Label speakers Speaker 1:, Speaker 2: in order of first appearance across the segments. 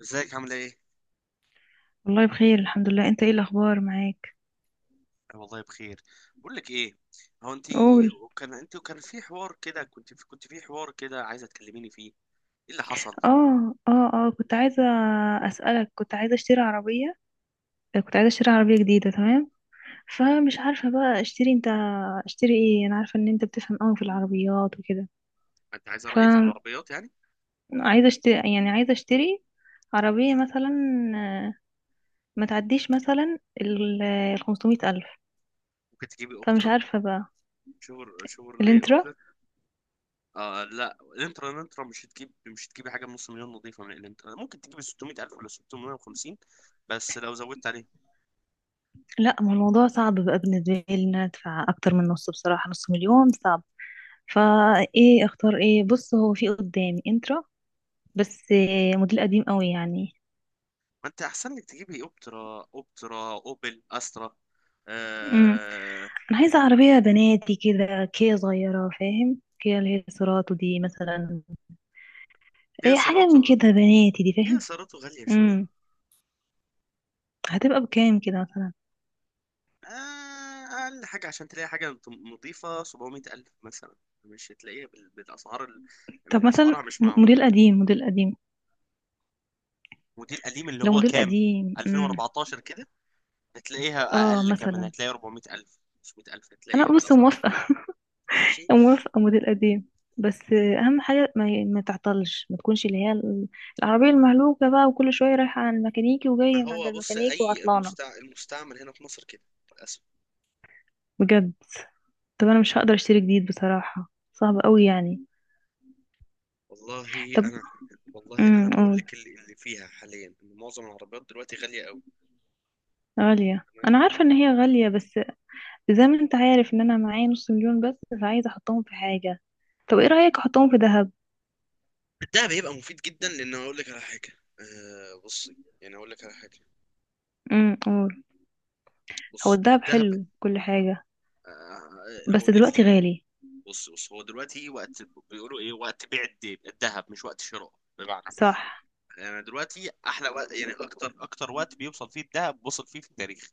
Speaker 1: ازيك عامله ايه؟
Speaker 2: والله بخير، الحمد لله. انت ايه الاخبار معاك؟
Speaker 1: أنا والله بخير. بقول لك ايه، هو انت
Speaker 2: قول.
Speaker 1: وكان في حوار كده، كنت في حوار كده عايزه تكلميني فيه. ايه اللي حصل؟
Speaker 2: اه كنت عايزه اسالك، كنت عايزه اشتري عربيه. كنت عايزه اشتري عربيه جديده، تمام؟ فمش عارفه بقى اشتري ايه. انا عارفه ان انت بتفهم قوي في العربيات وكده.
Speaker 1: انت عايزه رايي في
Speaker 2: فعايزه
Speaker 1: العربيات يعني؟
Speaker 2: اشتري، يعني عايزه اشتري عربيه مثلا. آه، ما تعديش مثلا ال 500 الف.
Speaker 1: ممكن تجيبي
Speaker 2: فمش
Speaker 1: اوبترا،
Speaker 2: عارفه بقى.
Speaker 1: شور شيفروليه
Speaker 2: الانترا؟
Speaker 1: اوكترا. آه لا، الانترا الانترا مش هتجيبي حاجه بنص مليون نظيفه. من الانترا ممكن تجيبي 600000 ولا 650، بس لو زودت عليهم.
Speaker 2: لا، ما الموضوع صعب بقى بالنسبه لي، ان انا ادفع اكتر من نص بصراحه. نص مليون صعب. فايه اختار؟ ايه؟ بص، هو في قدامي انترا، بس موديل قديم قوي يعني.
Speaker 1: ما انت احسن لك تجيبي اوبترا، اوبل استرا.
Speaker 2: امم
Speaker 1: آه.
Speaker 2: انا عايزه عربيه بناتي كده، كيا صغيره، فاهم؟ كيا اللي هي سيراتو دي مثلا.
Speaker 1: كيا
Speaker 2: ايه، حاجه من
Speaker 1: سيراتو.
Speaker 2: كده، بناتي دي،
Speaker 1: كيا
Speaker 2: فاهم؟
Speaker 1: سيراتو غاليه شويه.
Speaker 2: امم هتبقى بكام كده مثلا؟
Speaker 1: آه، أقل حاجة عشان تلاقي حاجة نظيفة 700 ألف مثلا. مش هتلاقيها بالأسعار من
Speaker 2: طب مثلا
Speaker 1: أسعارها مش معقولة.
Speaker 2: موديل قديم، موديل قديم.
Speaker 1: ودي القديم اللي
Speaker 2: لو
Speaker 1: هو
Speaker 2: موديل
Speaker 1: كام،
Speaker 2: قديم.
Speaker 1: 2014 كده. هتلاقيها
Speaker 2: اه،
Speaker 1: أقل كمان،
Speaker 2: مثلا.
Speaker 1: هتلاقي 400 ألف 500 ألف، هتلاقيها
Speaker 2: انا بص
Speaker 1: بالأسعار.
Speaker 2: موافقه،
Speaker 1: ماشي.
Speaker 2: موافقة موديل قديم. بس أهم حاجة ما تعطلش، ما تكونش اللي هي العربية المهلوكة بقى، وكل شوية رايحة عند الميكانيكي
Speaker 1: ما
Speaker 2: وجاية من عند
Speaker 1: هو بص،
Speaker 2: الميكانيكي
Speaker 1: أي
Speaker 2: وعطلانة.
Speaker 1: المستعمل هنا في مصر كده، للأسف.
Speaker 2: بجد. طب أنا مش هقدر أشتري جديد بصراحة، صعب قوي يعني.
Speaker 1: والله
Speaker 2: طب.
Speaker 1: أنا والله أنا بقول
Speaker 2: قول.
Speaker 1: لك اللي فيها حاليا إن معظم العربيات دلوقتي غالية قوي.
Speaker 2: غالية،
Speaker 1: تمام؟
Speaker 2: أنا عارفة إن هي غالية، بس زي ما أنت عارف إن أنا معايا نص مليون بس، فعايزة أحطهم في حاجة. طب إيه رأيك أحطهم في دهب؟
Speaker 1: ده بيبقى مفيد جدا، لأن أقول لك على حاجة. أه، بصي، يعني أقول لك على حاجة.
Speaker 2: قول. هو
Speaker 1: بص،
Speaker 2: الدهب
Speaker 1: الذهب.
Speaker 2: حلو كل حاجة، بس
Speaker 1: هقول لك ليه.
Speaker 2: دلوقتي غالي.
Speaker 1: بص بص، هو دلوقتي إيه وقت؟ بيقولوا ايه، وقت بيع الذهب مش وقت شراء. بمعنى،
Speaker 2: صح.
Speaker 1: يعني دلوقتي احلى وقت، يعني اكتر وقت بيوصل فيه الذهب، وصل فيه في التاريخ.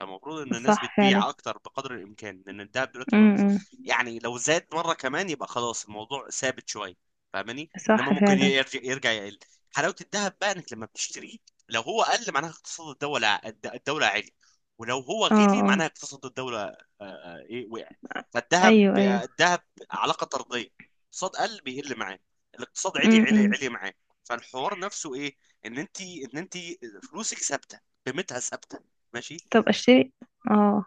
Speaker 1: فالمفروض ان الناس
Speaker 2: صح فعلا.
Speaker 1: بتبيع اكتر بقدر الامكان، لان الذهب دلوقتي ما...
Speaker 2: امم.
Speaker 1: يعني لو زاد مره كمان يبقى خلاص الموضوع ثابت شويه، فاهماني، انما
Speaker 2: صح
Speaker 1: ممكن
Speaker 2: فعلا.
Speaker 1: يرجع، يقل. حلاوه الذهب بقى انك لما بتشتريه، لو هو قل معناها اقتصاد الدوله الدوله عالي، ولو هو
Speaker 2: اه
Speaker 1: غلي
Speaker 2: اه.
Speaker 1: معناها اقتصاد الدوله، ايه، وقع. فالذهب
Speaker 2: ايوه ايوه.
Speaker 1: الذهب علاقه طرديه. اقتصاد قل، بيقل معاه. الاقتصاد عالي، عالي
Speaker 2: امم.
Speaker 1: عالي معاه. فالحوار نفسه ايه؟ ان انت فلوسك ثابته، قيمتها ثابته. ماشي.
Speaker 2: طب اشتري. اه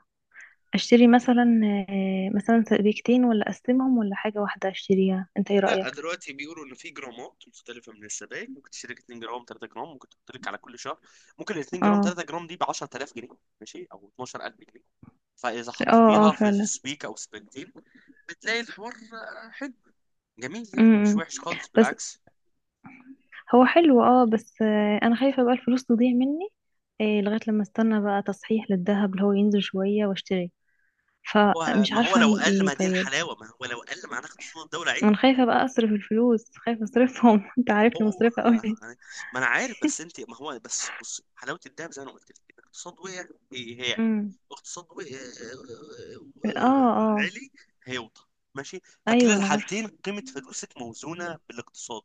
Speaker 2: اشتري مثلا مثلا سبيكتين، ولا اقسمهم، ولا حاجة واحدة اشتريها؟ انت ايه
Speaker 1: لا
Speaker 2: رأيك؟
Speaker 1: دلوقتي بيقولوا ان في جرامات مختلفه من السبائك، ممكن تشترك 2 جرام 3 جرام. ممكن تحط لك على كل شهر، ممكن ال 2 جرام
Speaker 2: اه
Speaker 1: 3 جرام دي ب 10000 جنيه، ماشي، او 12000 جنيه. فاذا
Speaker 2: اه اه،
Speaker 1: حطيتيها في
Speaker 2: فعلا.
Speaker 1: سبيك او سبيكتين، بتلاقي الحوار حلو، جميل، يعني مش
Speaker 2: امم.
Speaker 1: وحش خالص،
Speaker 2: بس
Speaker 1: بالعكس.
Speaker 2: هو حلو، اه، بس انا خايفة بقى الفلوس تضيع مني، لغاية لما استنى بقى تصحيح للذهب اللي هو ينزل شوية واشتري.
Speaker 1: هو
Speaker 2: فمش
Speaker 1: ما هو
Speaker 2: عارفة
Speaker 1: لو
Speaker 2: اعمل
Speaker 1: قل،
Speaker 2: ايه.
Speaker 1: ما دي
Speaker 2: طيب.
Speaker 1: الحلاوه. ما هو لو قل، ما هناخد صوت الدوله عيد.
Speaker 2: انا خايفة بقى اصرف الفلوس، خايفة اصرفهم. انت عارفني
Speaker 1: هو
Speaker 2: مصرفة قوي.
Speaker 1: آه، يعني، ما انا عارف. بس انت، ما هو بس بص، حلاوه الدهب زي ما انا قلت لك، الاقتصاد وقع، هيعلى.
Speaker 2: امم.
Speaker 1: اقتصاد
Speaker 2: اه اه.
Speaker 1: عالي، هيوطى. ماشي. فكلا
Speaker 2: ايوه انا عارفة.
Speaker 1: الحالتين قيمه فلوسك موزونه بالاقتصاد.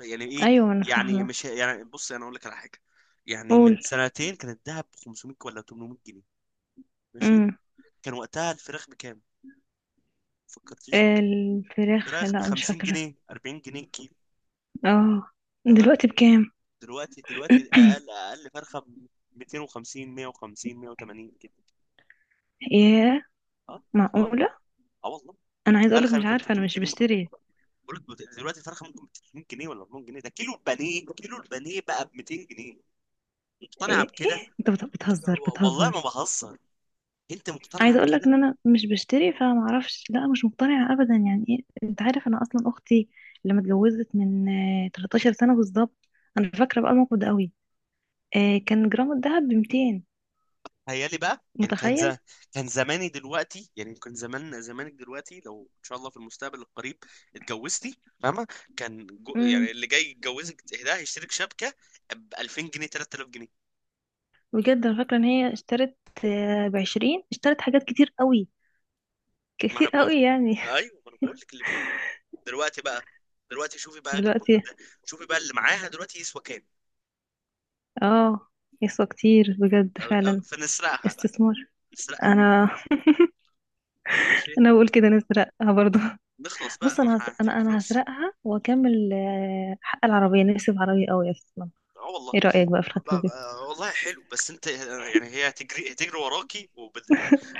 Speaker 1: يعني ايه،
Speaker 2: ايوه انا
Speaker 1: يعني
Speaker 2: فاهمه.
Speaker 1: مش يعني بص انا اقول لك على حاجه. يعني
Speaker 2: قول.
Speaker 1: من سنتين كان الدهب ب 500 ولا 800 جنيه، ماشي.
Speaker 2: امم.
Speaker 1: كان وقتها الفراخ بكام؟ ما فكرتيش في كده.
Speaker 2: الفراخ
Speaker 1: فراخ ب
Speaker 2: لا، مش
Speaker 1: 50
Speaker 2: فاكره.
Speaker 1: جنيه 40 جنيه كيلو.
Speaker 2: اه.
Speaker 1: تمام.
Speaker 2: دلوقتي بكام؟
Speaker 1: دلوقتي اقل فرخه ب 250، 150، 180 كده.
Speaker 2: ياه،
Speaker 1: اه. خلاص.
Speaker 2: معقوله؟
Speaker 1: اه والله.
Speaker 2: انا عايزه اقولك،
Speaker 1: الفرخه
Speaker 2: مش
Speaker 1: يمكن
Speaker 2: عارفه، انا
Speaker 1: 300
Speaker 2: مش
Speaker 1: جنيه
Speaker 2: بشتري.
Speaker 1: بقول لك دلوقتي الفرخه ممكن ب 300 جنيه ولا 400 جنيه. ده كيلو البانيه، كيلو البانيه بقى ب 200 جنيه. مقتنعه
Speaker 2: ايه؟
Speaker 1: بكده؟
Speaker 2: إيه؟ انت بتهزر،
Speaker 1: والله
Speaker 2: بتهزر.
Speaker 1: ما بهزر. انت مقتنعه
Speaker 2: عايزه اقولك
Speaker 1: بكده؟
Speaker 2: ان انا مش بشتري، فما اعرفش. لا، مش مقتنعه ابدا، يعني ايه؟ انت عارف انا اصلا اختي لما اتجوزت من 13 سنه بالظبط. انا فاكره بقى الموقف ده قوي. كان جرام الذهب ب 200.
Speaker 1: تخيلي بقى، يعني كان
Speaker 2: متخيل.
Speaker 1: كان زماني دلوقتي، يعني كان زمان، زمانك دلوقتي لو ان شاء الله في المستقبل القريب اتجوزتي، فاهمه، كان يعني
Speaker 2: امم.
Speaker 1: اللي جاي يتجوزك ده هيشترك شبكه ب 2000 جنيه 3000 جنيه.
Speaker 2: بجد، انا فاكره ان هي اشترت ب20، اشترت حاجات كتير قوي،
Speaker 1: ما
Speaker 2: كتير
Speaker 1: انا بقول،
Speaker 2: قوي يعني.
Speaker 1: ايوه ما انا بقول لك اللي فيه. دلوقتي بقى، دلوقتي شوفي بقى جرامات
Speaker 2: دلوقتي.
Speaker 1: ده، شوفي بقى اللي معاها دلوقتي يسوى كام.
Speaker 2: اه. يسوى كتير بجد، فعلا.
Speaker 1: فنسرقها بقى.
Speaker 2: استثمار.
Speaker 1: نسرقها.
Speaker 2: انا.
Speaker 1: ماشي.
Speaker 2: انا بقول كده نسرقها برضو.
Speaker 1: نخلص بقى،
Speaker 2: بص،
Speaker 1: ما
Speaker 2: انا
Speaker 1: احنا
Speaker 2: هس-
Speaker 1: محتاجين
Speaker 2: انا انا
Speaker 1: فلوس.
Speaker 2: هسرقها واكمل حق العربيه. نفسي في عربيه قوي اصلا.
Speaker 1: اه والله.
Speaker 2: ايه رايك بقى في الخطوه دي؟
Speaker 1: والله حلو، بس انت يعني هي هتجري وراكي،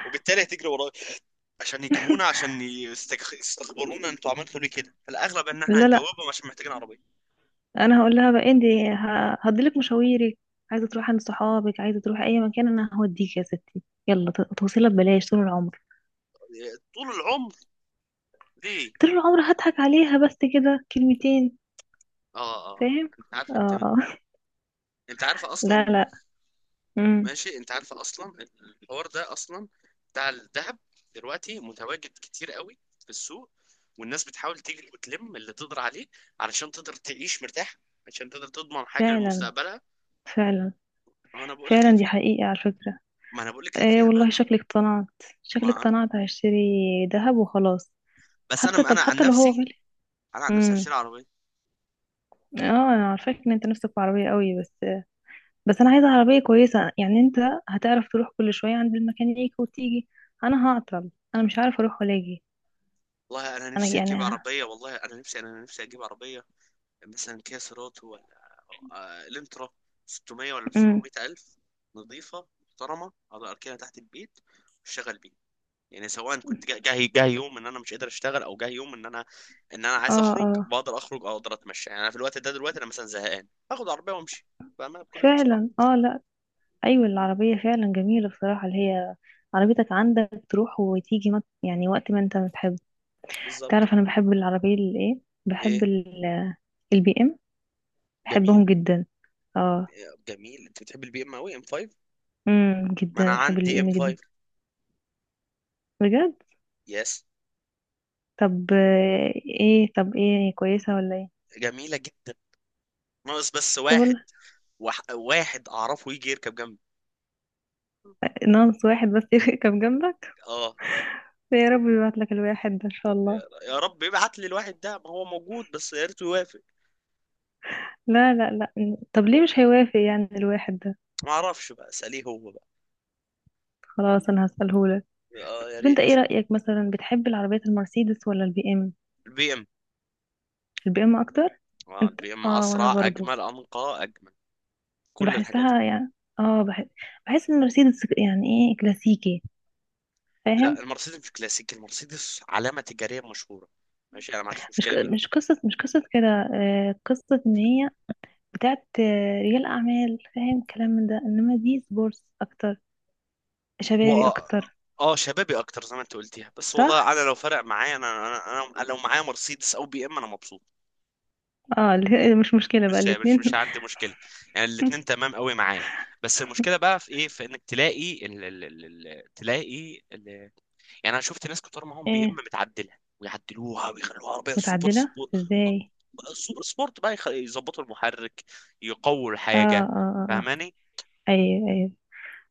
Speaker 1: وبالتالي هتجري وراكي عشان يجيبونا، عشان يستخبرونا انتوا عملتوا ليه كده. فالاغلب ان احنا
Speaker 2: لا لا،
Speaker 1: هنجاوبهم عشان محتاجين عربيه.
Speaker 2: انا هقول لها بقى انت هديلك مشاويرك، عايزه تروحي عند صحابك، عايزه تروحي اي مكان، انا هوديك يا ستي. يلا، توصيلها ببلاش طول العمر.
Speaker 1: طول العمر. ليه؟
Speaker 2: طول العمر هضحك عليها بس كده كلمتين.
Speaker 1: اه اه،
Speaker 2: فاهم؟
Speaker 1: انت عارف،
Speaker 2: اه. آه.
Speaker 1: انت عارفه
Speaker 2: لا
Speaker 1: اصلا.
Speaker 2: لا. امم.
Speaker 1: ماشي، انت عارفه اصلا. الحوار ده اصلا بتاع الذهب دلوقتي متواجد كتير قوي في السوق، والناس بتحاول تجري وتلم اللي تقدر عليه علشان تقدر تعيش مرتاح، عشان تقدر تضمن حاجه
Speaker 2: فعلا.
Speaker 1: لمستقبلها.
Speaker 2: فعلا.
Speaker 1: انا بقول لك اللي
Speaker 2: فعلا، دي
Speaker 1: فيها.
Speaker 2: حقيقة على فكرة.
Speaker 1: ما انا بقول لك اللي
Speaker 2: ايه
Speaker 1: فيها بقى
Speaker 2: والله، شكلك اقتنعت، شكلك
Speaker 1: ما انا
Speaker 2: اقتنعت. هشتري ذهب وخلاص.
Speaker 1: بس
Speaker 2: حتى، طب
Speaker 1: انا عن
Speaker 2: حتى لو هو
Speaker 1: نفسي،
Speaker 2: غالي.
Speaker 1: انا عن نفسي
Speaker 2: امم.
Speaker 1: هشتري عربيه.
Speaker 2: اه. انا عارفاك ان انت نفسك في عربية قوي، بس انا عايزة عربية كويسة، يعني انت هتعرف تروح كل شوية عند الميكانيك وتيجي؟ انا هعطل، انا مش عارفة اروح ولا اجي.
Speaker 1: والله انا
Speaker 2: انا
Speaker 1: نفسي
Speaker 2: يعني.
Speaker 1: اجيب عربيه، والله انا نفسي انا نفسي اجيب عربيه مثلا، كيا سيراتو ولا الانترا، 600 ولا
Speaker 2: امم.
Speaker 1: 700 الف، نظيفه محترمه اقدر اركنها تحت البيت واشتغل بيها. يعني سواء كنت جاي يوم ان انا مش قادر اشتغل، او جاي يوم ان انا عايز
Speaker 2: اه
Speaker 1: اخرج،
Speaker 2: اه،
Speaker 1: بقدر اخرج، او اقدر اتمشى. يعني انا في الوقت ده دلوقتي انا مثلا زهقان، اخد عربيه وامشي، فاهمها، بكل بصراحه.
Speaker 2: فعلا. اه. لا. ايوه، العربية فعلا جميلة بصراحة، اللي هي عربيتك عندك، تروح وتيجي، يعني وقت ما انت بتحب.
Speaker 1: بالظبط.
Speaker 2: تعرف انا بحب العربية اللي ايه؟ بحب
Speaker 1: ايه
Speaker 2: البي ام،
Speaker 1: جميل،
Speaker 2: بحبهم جدا. اه.
Speaker 1: جميل. انت بتحب البي ام قوي، ام 5. ما انا
Speaker 2: جدا، بحب البي
Speaker 1: عندي
Speaker 2: ام
Speaker 1: ام
Speaker 2: جدا.
Speaker 1: 5.
Speaker 2: بجد.
Speaker 1: يس.
Speaker 2: طب ايه، هي كويسة ولا ايه؟
Speaker 1: جميله جدا، ناقص بس
Speaker 2: طب
Speaker 1: واحد،
Speaker 2: والله.
Speaker 1: واحد اعرفه يجي يركب جنبي.
Speaker 2: ناقص واحد بس يركب جنبك.
Speaker 1: اه.
Speaker 2: يا رب يبعت لك الواحد ده ان شاء الله.
Speaker 1: يا رب يبعت لي الواحد ده، ما هو موجود بس يا ريته يوافق.
Speaker 2: لا لا لا، طب ليه مش هيوافق يعني الواحد ده؟
Speaker 1: ما اعرفش بقى، اساليه هو بقى.
Speaker 2: خلاص، انا هسأله لك.
Speaker 1: اه يا
Speaker 2: طب انت
Speaker 1: ريت.
Speaker 2: ايه رأيك، مثلا بتحب العربيات المرسيدس ولا البي ام؟
Speaker 1: البي ام.
Speaker 2: البي ام اكتر.
Speaker 1: اه
Speaker 2: انت
Speaker 1: البي ام
Speaker 2: اه، وانا
Speaker 1: اسرع،
Speaker 2: برضو
Speaker 1: اجمل، انقى، اجمل، كل الحاجات دي.
Speaker 2: بحسها يعني. اه، بحس ان مرسيدس يعني ايه، كلاسيكي،
Speaker 1: لا،
Speaker 2: فاهم؟
Speaker 1: المرسيدس مش كلاسيك، المرسيدس علامه تجاريه مشهوره. ماشي، انا ما عنديش مشكله بيها.
Speaker 2: مش قصة كده. آه، قصة ان هي بتاعت رجال اعمال، فاهم كلام من ده، انما دي سبورتس اكتر،
Speaker 1: و
Speaker 2: شبابي اكتر.
Speaker 1: اه، شبابي اكتر زي ما انت قلتيها. بس والله
Speaker 2: صح.
Speaker 1: انا لو فرق معايا، انا لو معايا مرسيدس او بي ام، انا مبسوط.
Speaker 2: اه، مش مشكلة بقى
Speaker 1: مش
Speaker 2: الاتنين.
Speaker 1: عندي مشكله، يعني الاتنين تمام قوي معايا. بس المشكله بقى في ايه، في انك تلاقي ال ال ال ال تلاقي ال... يعني انا شفت ناس كتار معاهم بي ام
Speaker 2: ايه؟
Speaker 1: متعدله، ويعدلوها ويخلوها عربيه سوبر
Speaker 2: متعدلة
Speaker 1: سبورت.
Speaker 2: ازاي؟
Speaker 1: سوبر سبورت بقى يظبطوا المحرك، يقووا
Speaker 2: اه اه
Speaker 1: الحاجه،
Speaker 2: اه.
Speaker 1: فاهماني.
Speaker 2: آه. ايوه ايوه.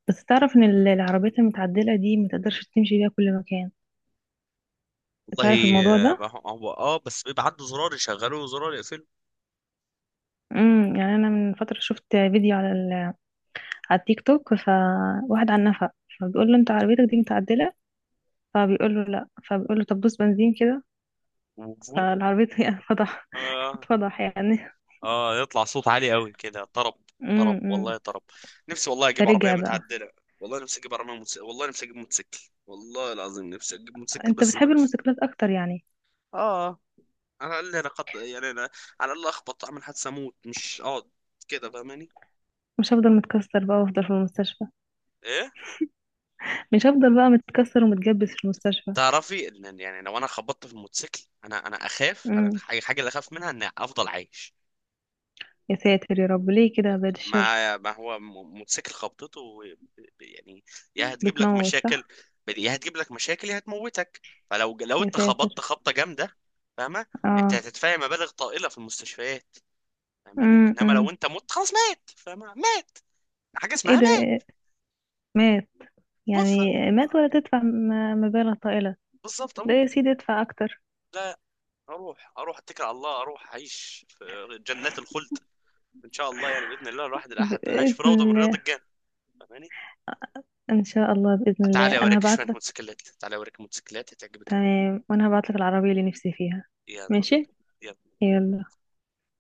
Speaker 2: بس تعرف ان العربيات المتعدلة دي متقدرش تمشي بيها كل مكان؟ تعرف
Speaker 1: والله
Speaker 2: الموضوع ده؟
Speaker 1: آه، هو اه بس بيبقى عنده زرار يشغله وزرار يقفله.
Speaker 2: امم. يعني انا من فترة شفت فيديو على، على التيك توك، فواحد على النفق، فبيقول له انت عربيتك دي متعدلة، فبيقول له لا، فبيقول له طب دوس بنزين كده،
Speaker 1: وفور.
Speaker 2: فالعربية اتفضح، اتفضح يعني.
Speaker 1: اه يطلع صوت عالي قوي كده، طرب.
Speaker 2: امم.
Speaker 1: طرب
Speaker 2: امم.
Speaker 1: والله، طرب. نفسي والله اجيب عربيه
Speaker 2: فرجع بقى.
Speaker 1: متعدله. والله نفسي اجيب عربيه والله نفسي اجيب موتوسيكل، والله العظيم نفسي اجيب موتوسيكل،
Speaker 2: انت
Speaker 1: بس
Speaker 2: بتحب
Speaker 1: بلاش.
Speaker 2: الموتوسيكلات اكتر يعني؟
Speaker 1: اه، على الاقل انا قد يعني انا، على الاقل اخبط، اعمل حادثه، اموت، مش اقعد كده، فاهماني.
Speaker 2: مش هفضل متكسر بقى وافضل في المستشفى.
Speaker 1: ايه.
Speaker 2: مش هفضل بقى متكسر ومتجبس في المستشفى.
Speaker 1: تعرفي ان، يعني لو انا خبطت في الموتوسيكل، انا اخاف، انا
Speaker 2: امم.
Speaker 1: الحاجه الحاجة اللي اخاف منها ان افضل عايش.
Speaker 2: يا ساتر يا رب، ليه كده، بعد الشر.
Speaker 1: ما ما هو م- موتوسيكل خبطته، يعني يا هتجيب لك
Speaker 2: بتموت،
Speaker 1: مشاكل،
Speaker 2: صح؟
Speaker 1: يا هتموتك. فلو
Speaker 2: يا
Speaker 1: انت
Speaker 2: ساتر.
Speaker 1: خبطت خبطه جامده، فاهمه، انت
Speaker 2: اه.
Speaker 1: هتدفعي مبالغ طائله في المستشفيات، فاهماني،
Speaker 2: امم.
Speaker 1: انما لو
Speaker 2: امم.
Speaker 1: انت مت خلاص مات، فاهمه، مات. حاجه
Speaker 2: ايه
Speaker 1: اسمها
Speaker 2: ده؟
Speaker 1: مات.
Speaker 2: إيه؟ مات؟
Speaker 1: توفى،
Speaker 2: يعني مات ولا تدفع مبالغ طائلة؟
Speaker 1: بالظبط،
Speaker 2: لا يا
Speaker 1: اموت.
Speaker 2: سيدي، ادفع اكتر.
Speaker 1: لا، اروح اتكل على الله، اروح اعيش في جنات الخلد ان شاء الله، يعني باذن الله الواحد الاحد اعيش
Speaker 2: بإذن
Speaker 1: في روضه من رياض
Speaker 2: الله.
Speaker 1: الجنه، فاهماني.
Speaker 2: إن شاء الله، بإذن الله،
Speaker 1: تعالى
Speaker 2: أنا
Speaker 1: اوريك شويه
Speaker 2: هبعت لك.
Speaker 1: موتوسيكلات، تعالى اوريك موتوسيكلات هتعجبك أوي.
Speaker 2: تمام، وأنا هبعت لك العربية اللي نفسي فيها.
Speaker 1: يلا
Speaker 2: ماشي.
Speaker 1: بينا
Speaker 2: يلا.